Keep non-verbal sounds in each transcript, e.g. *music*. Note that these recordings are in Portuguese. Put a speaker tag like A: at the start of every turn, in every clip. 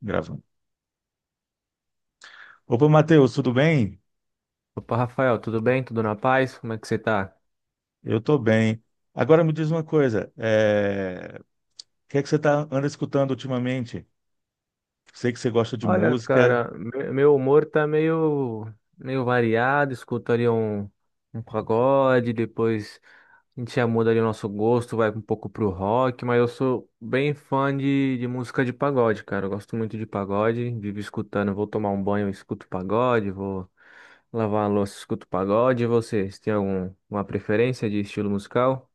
A: Gravando. Opa, Matheus, tudo bem?
B: Opa, Rafael, tudo bem? Tudo na paz? Como é que você tá?
A: Eu tô bem. Agora me diz uma coisa, o que é que você anda escutando ultimamente? Sei que você gosta de
B: Olha,
A: música.
B: cara, meu humor tá meio variado. Escuto ali um pagode, depois a gente já muda ali o nosso gosto, vai um pouco pro rock, mas eu sou bem fã de música de pagode, cara. Eu gosto muito de pagode, vivo escutando. Vou tomar um banho, eu escuto pagode, vou lavar a louça, escuto pagode. E você tem uma preferência de estilo musical?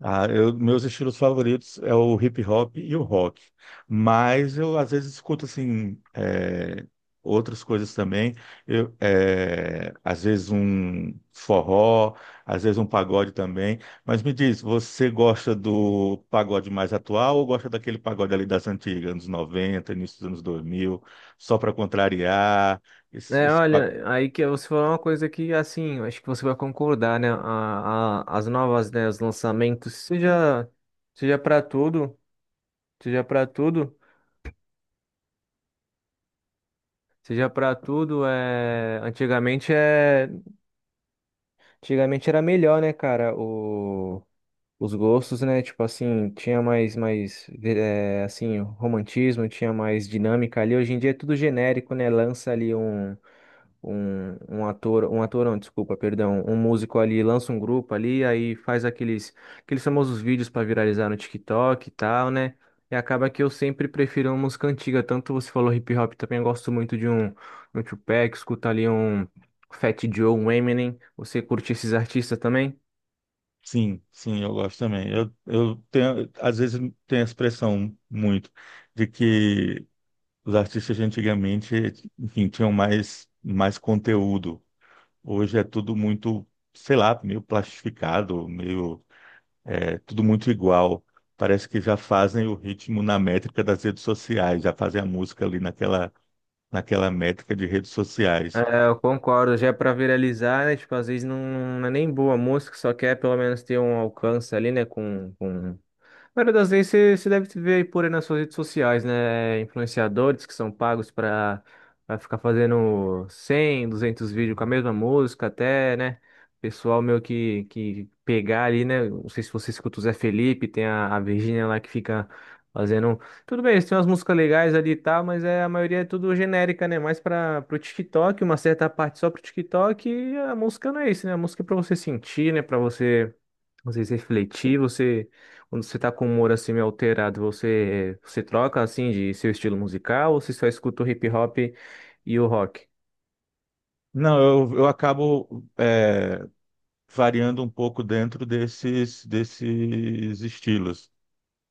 A: Ah, meus estilos favoritos é o hip hop e o rock, mas eu às vezes escuto assim outras coisas também. Eu, às vezes um forró, às vezes um pagode também. Mas me diz, você gosta do pagode mais atual ou gosta daquele pagode ali das antigas, anos 90, início dos anos 2000 só para contrariar? Esse,
B: É,
A: esse
B: olha, aí que você falou uma coisa que, assim, eu acho que você vai concordar, né? As novas, né? Os lançamentos, seja para tudo, seja para tudo, é... Antigamente era melhor, né, cara? Os gostos, né? Tipo assim, tinha mais, assim, romantismo, tinha mais dinâmica ali. Hoje em dia é tudo genérico, né? Lança ali um ator, um ator não, desculpa, perdão, um músico ali lança um grupo ali, aí faz aqueles famosos vídeos para viralizar no TikTok e tal, né? E acaba que eu sempre prefiro uma música antiga, tanto você falou hip hop, também eu gosto muito de um Tupac, escuta ali um Fat Joe, um Eminem, você curte esses artistas também?
A: Sim, sim, eu gosto também. Eu tenho, às vezes tem a expressão muito de que os artistas de antigamente, enfim, tinham mais conteúdo. Hoje é tudo muito, sei lá, meio plastificado, tudo muito igual. Parece que já fazem o ritmo na métrica das redes sociais, já fazem a música ali naquela métrica de redes sociais.
B: É, eu concordo, já é pra viralizar, né? Tipo, às vezes não, não é nem boa a música, só quer pelo menos ter um alcance ali, né? Com maioria das vezes você, deve ver aí por aí nas suas redes sociais, né? Influenciadores que são pagos para ficar fazendo 100 200 vídeos com a mesma música, até, né? Pessoal meu que pegar ali, né? Não sei se você escuta o Zé Felipe, tem a Virgínia lá que fica fazendo. Tudo bem, eles têm umas músicas legais ali e tal, mas a maioria é tudo genérica, né? Mais para o TikTok, uma certa parte só pro TikTok, e a música não é isso, né? A música é pra você sentir, né? Pra você. Vocês refletir, você quando você tá com o humor assim meio alterado, você troca assim de seu estilo musical ou você só escuta o hip hop e o rock?
A: Não, eu acabo, variando um pouco dentro desses estilos.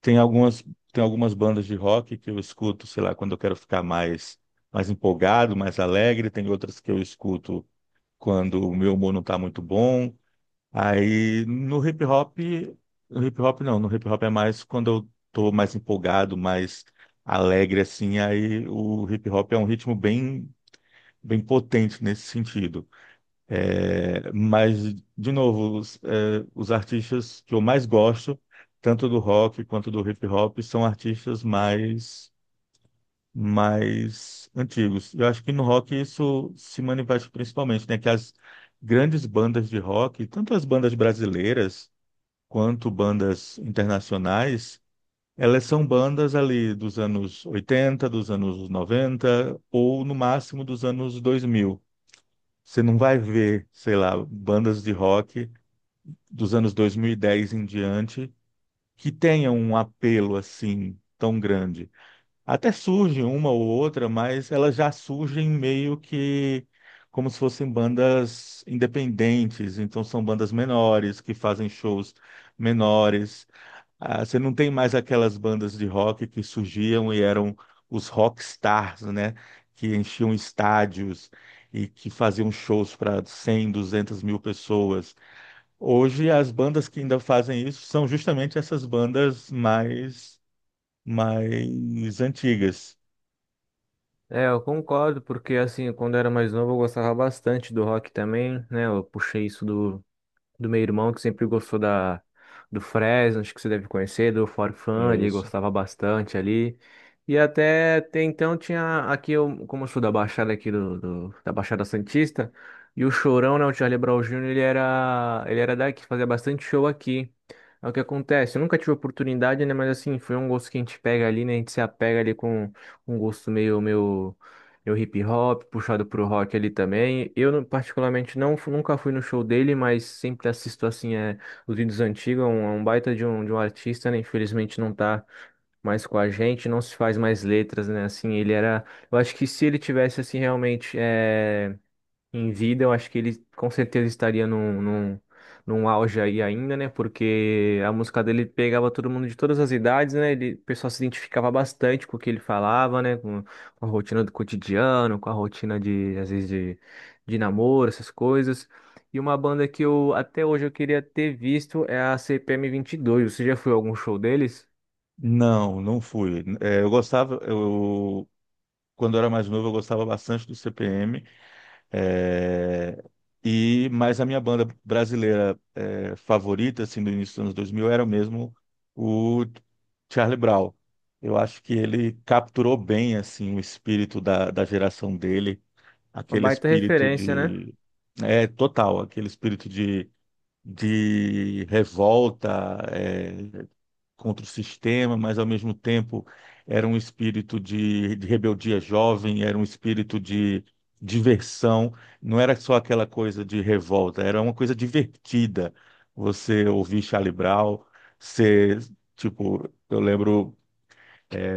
A: Tem algumas, tem algumas bandas de rock que eu escuto, sei lá, quando eu quero ficar mais empolgado, mais alegre, tem outras que eu escuto quando o meu humor não está muito bom. Aí no hip hop, no hip hop não, no hip hop é mais quando eu tô mais empolgado, mais alegre assim, aí o hip hop é um ritmo bem potente nesse sentido. É, mas, de novo, os artistas que eu mais gosto, tanto do rock quanto do hip hop, são artistas mais antigos. Eu acho que no rock isso se manifesta principalmente, né? Que as grandes bandas de rock, tanto as bandas brasileiras quanto bandas internacionais, elas são bandas ali dos anos 80, dos anos 90 ou no máximo dos anos 2000. Você não vai ver, sei lá, bandas de rock dos anos 2010 em diante que tenham um apelo assim tão grande. Até surge uma ou outra, mas elas já surgem meio que como se fossem bandas independentes, então são bandas menores que fazem shows menores. Ah, você não tem mais aquelas bandas de rock que surgiam e eram os rockstars, né? Que enchiam estádios e que faziam shows para 100, 200, 1.000 pessoas. Hoje, as bandas que ainda fazem isso são justamente essas bandas mais antigas.
B: É, eu concordo, porque assim, quando eu era mais novo eu gostava bastante do rock também, né? Eu puxei isso do meu irmão, que sempre gostou do Fresno, acho que você deve conhecer, do Forfã ele
A: Isso.
B: gostava bastante ali. E até então tinha aqui, eu, como eu sou da Baixada aqui da Baixada Santista, e o Chorão, né, o Charlie Brown Jr., ele era daqui, fazia bastante show aqui. É o que acontece, eu nunca tive oportunidade, né, mas assim, foi um gosto que a gente pega ali, né, a gente se apega ali com um gosto meio é o hip hop, puxado pro rock ali também. Eu, não- particularmente, não, nunca fui no show dele, mas sempre assisto, assim, os vídeos antigos. É um baita de um artista, né? Infelizmente não tá mais com a gente, não se faz mais letras, né? Assim, ele era. Eu acho que se ele tivesse, assim, realmente, em vida, eu acho que ele com certeza estaria num auge aí ainda, né? Porque a música dele pegava todo mundo de todas as idades, né? O pessoal se identificava bastante com o que ele falava, né? Com a rotina do cotidiano, com a rotina de, às vezes, de namoro, essas coisas. E uma banda que eu até hoje eu queria ter visto é a CPM 22. Você já foi a algum show deles?
A: Não, não fui. Eu gostava, eu, quando eu era mais novo, eu gostava bastante do CPM. É, mas a minha banda brasileira é, favorita assim do início dos anos 2000 era mesmo o Charlie Brown. Eu acho que ele capturou bem assim o espírito da geração dele,
B: Uma
A: aquele
B: baita
A: espírito
B: referência, né?
A: de é total, aquele espírito de revolta, é, contra o sistema, mas ao mesmo tempo era um espírito de rebeldia jovem, era um espírito de diversão, não era só aquela coisa de revolta, era uma coisa divertida. Você ouvir Charlie Brown, ser, tipo, eu lembro.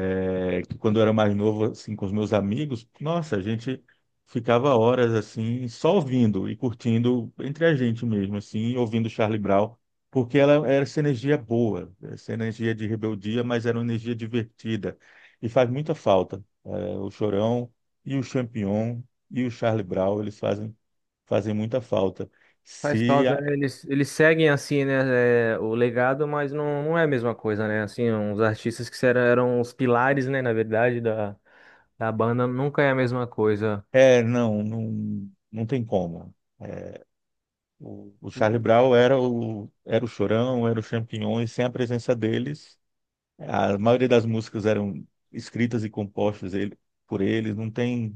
A: É que quando eu era mais novo, assim, com os meus amigos, nossa, a gente ficava horas, assim, só ouvindo e curtindo entre a gente mesmo, assim, ouvindo Charlie Brown, porque ela era essa energia boa, essa energia de rebeldia, mas era uma energia divertida. E faz muita falta. É, o Chorão e o Champignon e o Charlie Brown, eles fazem muita falta.
B: Faz
A: Se
B: falta,
A: a-
B: né? Eles seguem assim, né, o legado, mas não, não é a mesma coisa, né? Assim, os artistas que eram os pilares, né, na verdade, da banda, nunca é a mesma coisa.
A: É, não tem como. O Charlie Brown era era o Chorão, era o Champignon, e sem a presença deles, a maioria das músicas eram escritas e compostas por eles, não tem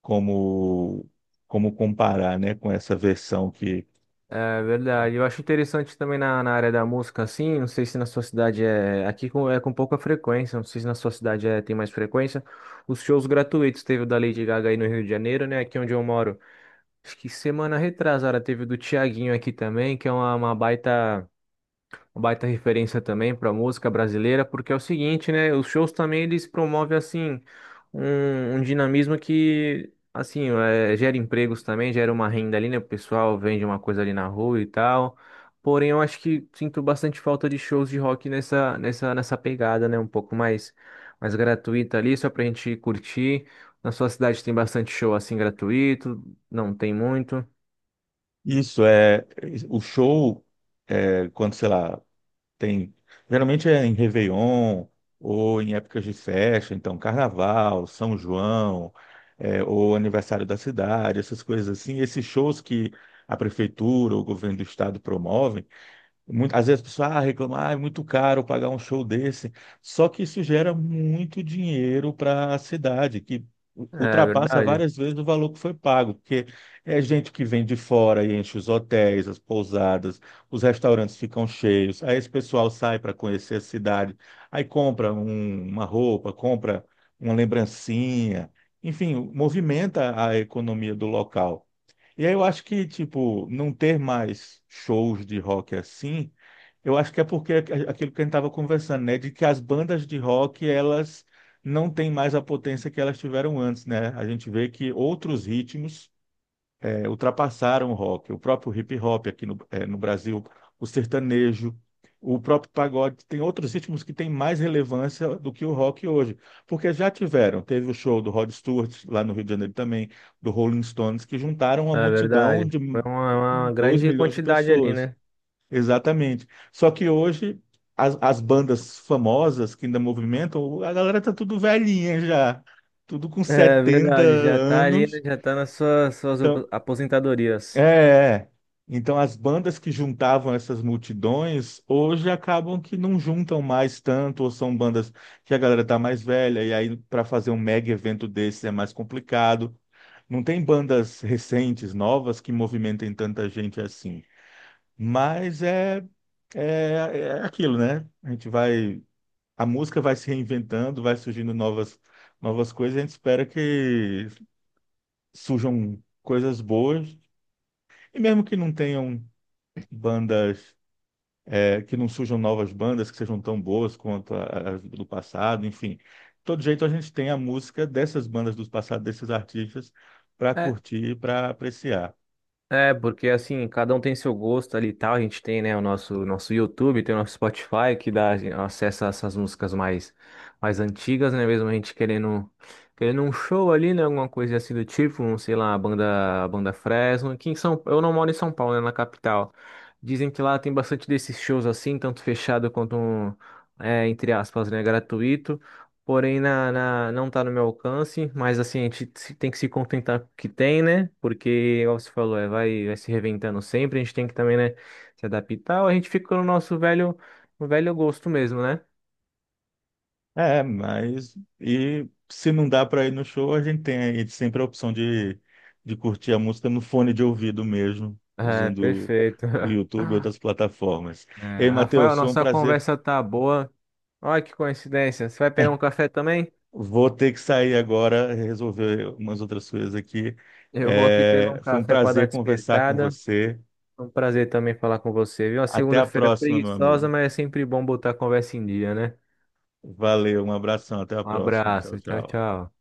A: como, como comparar, né, com essa versão que...
B: É verdade. Eu acho interessante também na área da música, assim, não sei se na sua cidade é. Aqui é com pouca frequência, não sei se na sua cidade é, tem mais frequência. Os shows gratuitos teve o da Lady Gaga aí no Rio de Janeiro, né? Aqui onde eu moro. Acho que semana retrasada teve o do Thiaguinho aqui também, que é uma baita referência também para música brasileira, porque é o seguinte, né? Os shows também eles promovem assim um dinamismo que assim gera empregos também, gera uma renda ali, né? O pessoal vende uma coisa ali na rua e tal. Porém, eu acho que sinto bastante falta de shows de rock nessa pegada, né? Um pouco mais gratuita ali, só pra gente curtir. Na sua cidade tem bastante show assim gratuito? Não tem muito.
A: Isso é... O show, é, quando, sei lá, Tem, geralmente é em Réveillon ou em épocas de festa, então Carnaval, São João, é, ou aniversário da cidade, essas coisas assim. Esses shows que a prefeitura ou o governo do estado promovem muito, às vezes a pessoa ah, reclama, ah, é muito caro pagar um show desse. Só que isso gera muito dinheiro para a cidade, que
B: É
A: ultrapassa
B: verdade,
A: várias vezes o valor que foi pago, porque é gente que vem de fora e enche os hotéis, as pousadas, os restaurantes ficam cheios. Aí esse pessoal sai para conhecer a cidade, aí compra uma roupa, compra uma lembrancinha, enfim, movimenta a economia do local. E aí eu acho que, tipo, não ter mais shows de rock assim eu acho que é porque aquilo que a gente estava conversando, né? De que as bandas de rock, elas não têm mais a potência que elas tiveram antes, né? A gente vê que outros ritmos ultrapassaram o rock. O próprio hip hop aqui no Brasil, o sertanejo, o próprio pagode. Tem outros ritmos que têm mais relevância do que o rock hoje. Porque já tiveram. Teve o show do Rod Stewart, lá no Rio de Janeiro também, do Rolling Stones, que juntaram uma
B: é
A: multidão
B: verdade.
A: de
B: Foi uma
A: 2
B: grande
A: milhões de
B: quantidade ali,
A: pessoas.
B: né?
A: Exatamente. Só que hoje as bandas famosas que ainda movimentam, a galera tá tudo velhinha já, tudo com
B: É
A: 70
B: verdade, já tá ali, né,
A: anos.
B: já tá nas suas, suas
A: Então,
B: op-
A: é,
B: aposentadorias.
A: é. Então as bandas que juntavam essas multidões hoje acabam que não juntam mais tanto, ou são bandas que a galera tá mais velha, e aí para fazer um mega evento desse é mais complicado. Não tem bandas recentes, novas, que movimentem tanta gente assim. Mas é, é aquilo, né? A música vai se reinventando, vai surgindo novas coisas, e a gente espera que surjam coisas boas, e mesmo que não tenham bandas, é, que não surjam novas bandas que sejam tão boas quanto as do passado, enfim. De todo jeito, a gente tem a música dessas bandas do passado, desses artistas, para
B: É,
A: curtir, para apreciar.
B: é, porque assim, cada um tem seu gosto ali e tal. A gente tem, né, o nosso YouTube, tem o nosso Spotify, que dá assim, acesso a essas músicas mais antigas, né? Mesmo a gente querendo um show ali, né? Alguma coisa assim do tipo, sei lá, a banda Fresno. Eu não moro em São Paulo, né? Na capital. Dizem que lá tem bastante desses shows assim, tanto fechado quanto, entre aspas, né, gratuito. Porém, não está no meu alcance, mas assim, a gente tem que se contentar com o que tem, né? Porque, igual você falou, vai se reinventando sempre, a gente tem que também, né, se adaptar, ou a gente fica no velho gosto mesmo, né?
A: É, mas e se não dá para ir no show, a gente tem aí sempre a opção de curtir a música no fone de ouvido mesmo,
B: É,
A: usando
B: perfeito.
A: o
B: *laughs*
A: YouTube e outras plataformas. Ei,
B: É, Rafael,
A: Matheus, foi um
B: nossa
A: prazer.
B: conversa tá boa. Olha que coincidência. Você vai pegar um café também?
A: Vou ter que sair agora, resolver umas outras coisas aqui.
B: Eu vou aqui pegar
A: É,
B: um
A: foi um
B: café para dar uma
A: prazer conversar com
B: despertada.
A: você.
B: Foi um prazer também falar com você, viu? Uma
A: Até a
B: segunda-feira é
A: próxima, meu
B: preguiçosa,
A: amigo.
B: mas é sempre bom botar a conversa em dia, né?
A: Valeu, um abração, até a
B: Um
A: próxima. Tchau,
B: abraço, tchau,
A: tchau.
B: tchau.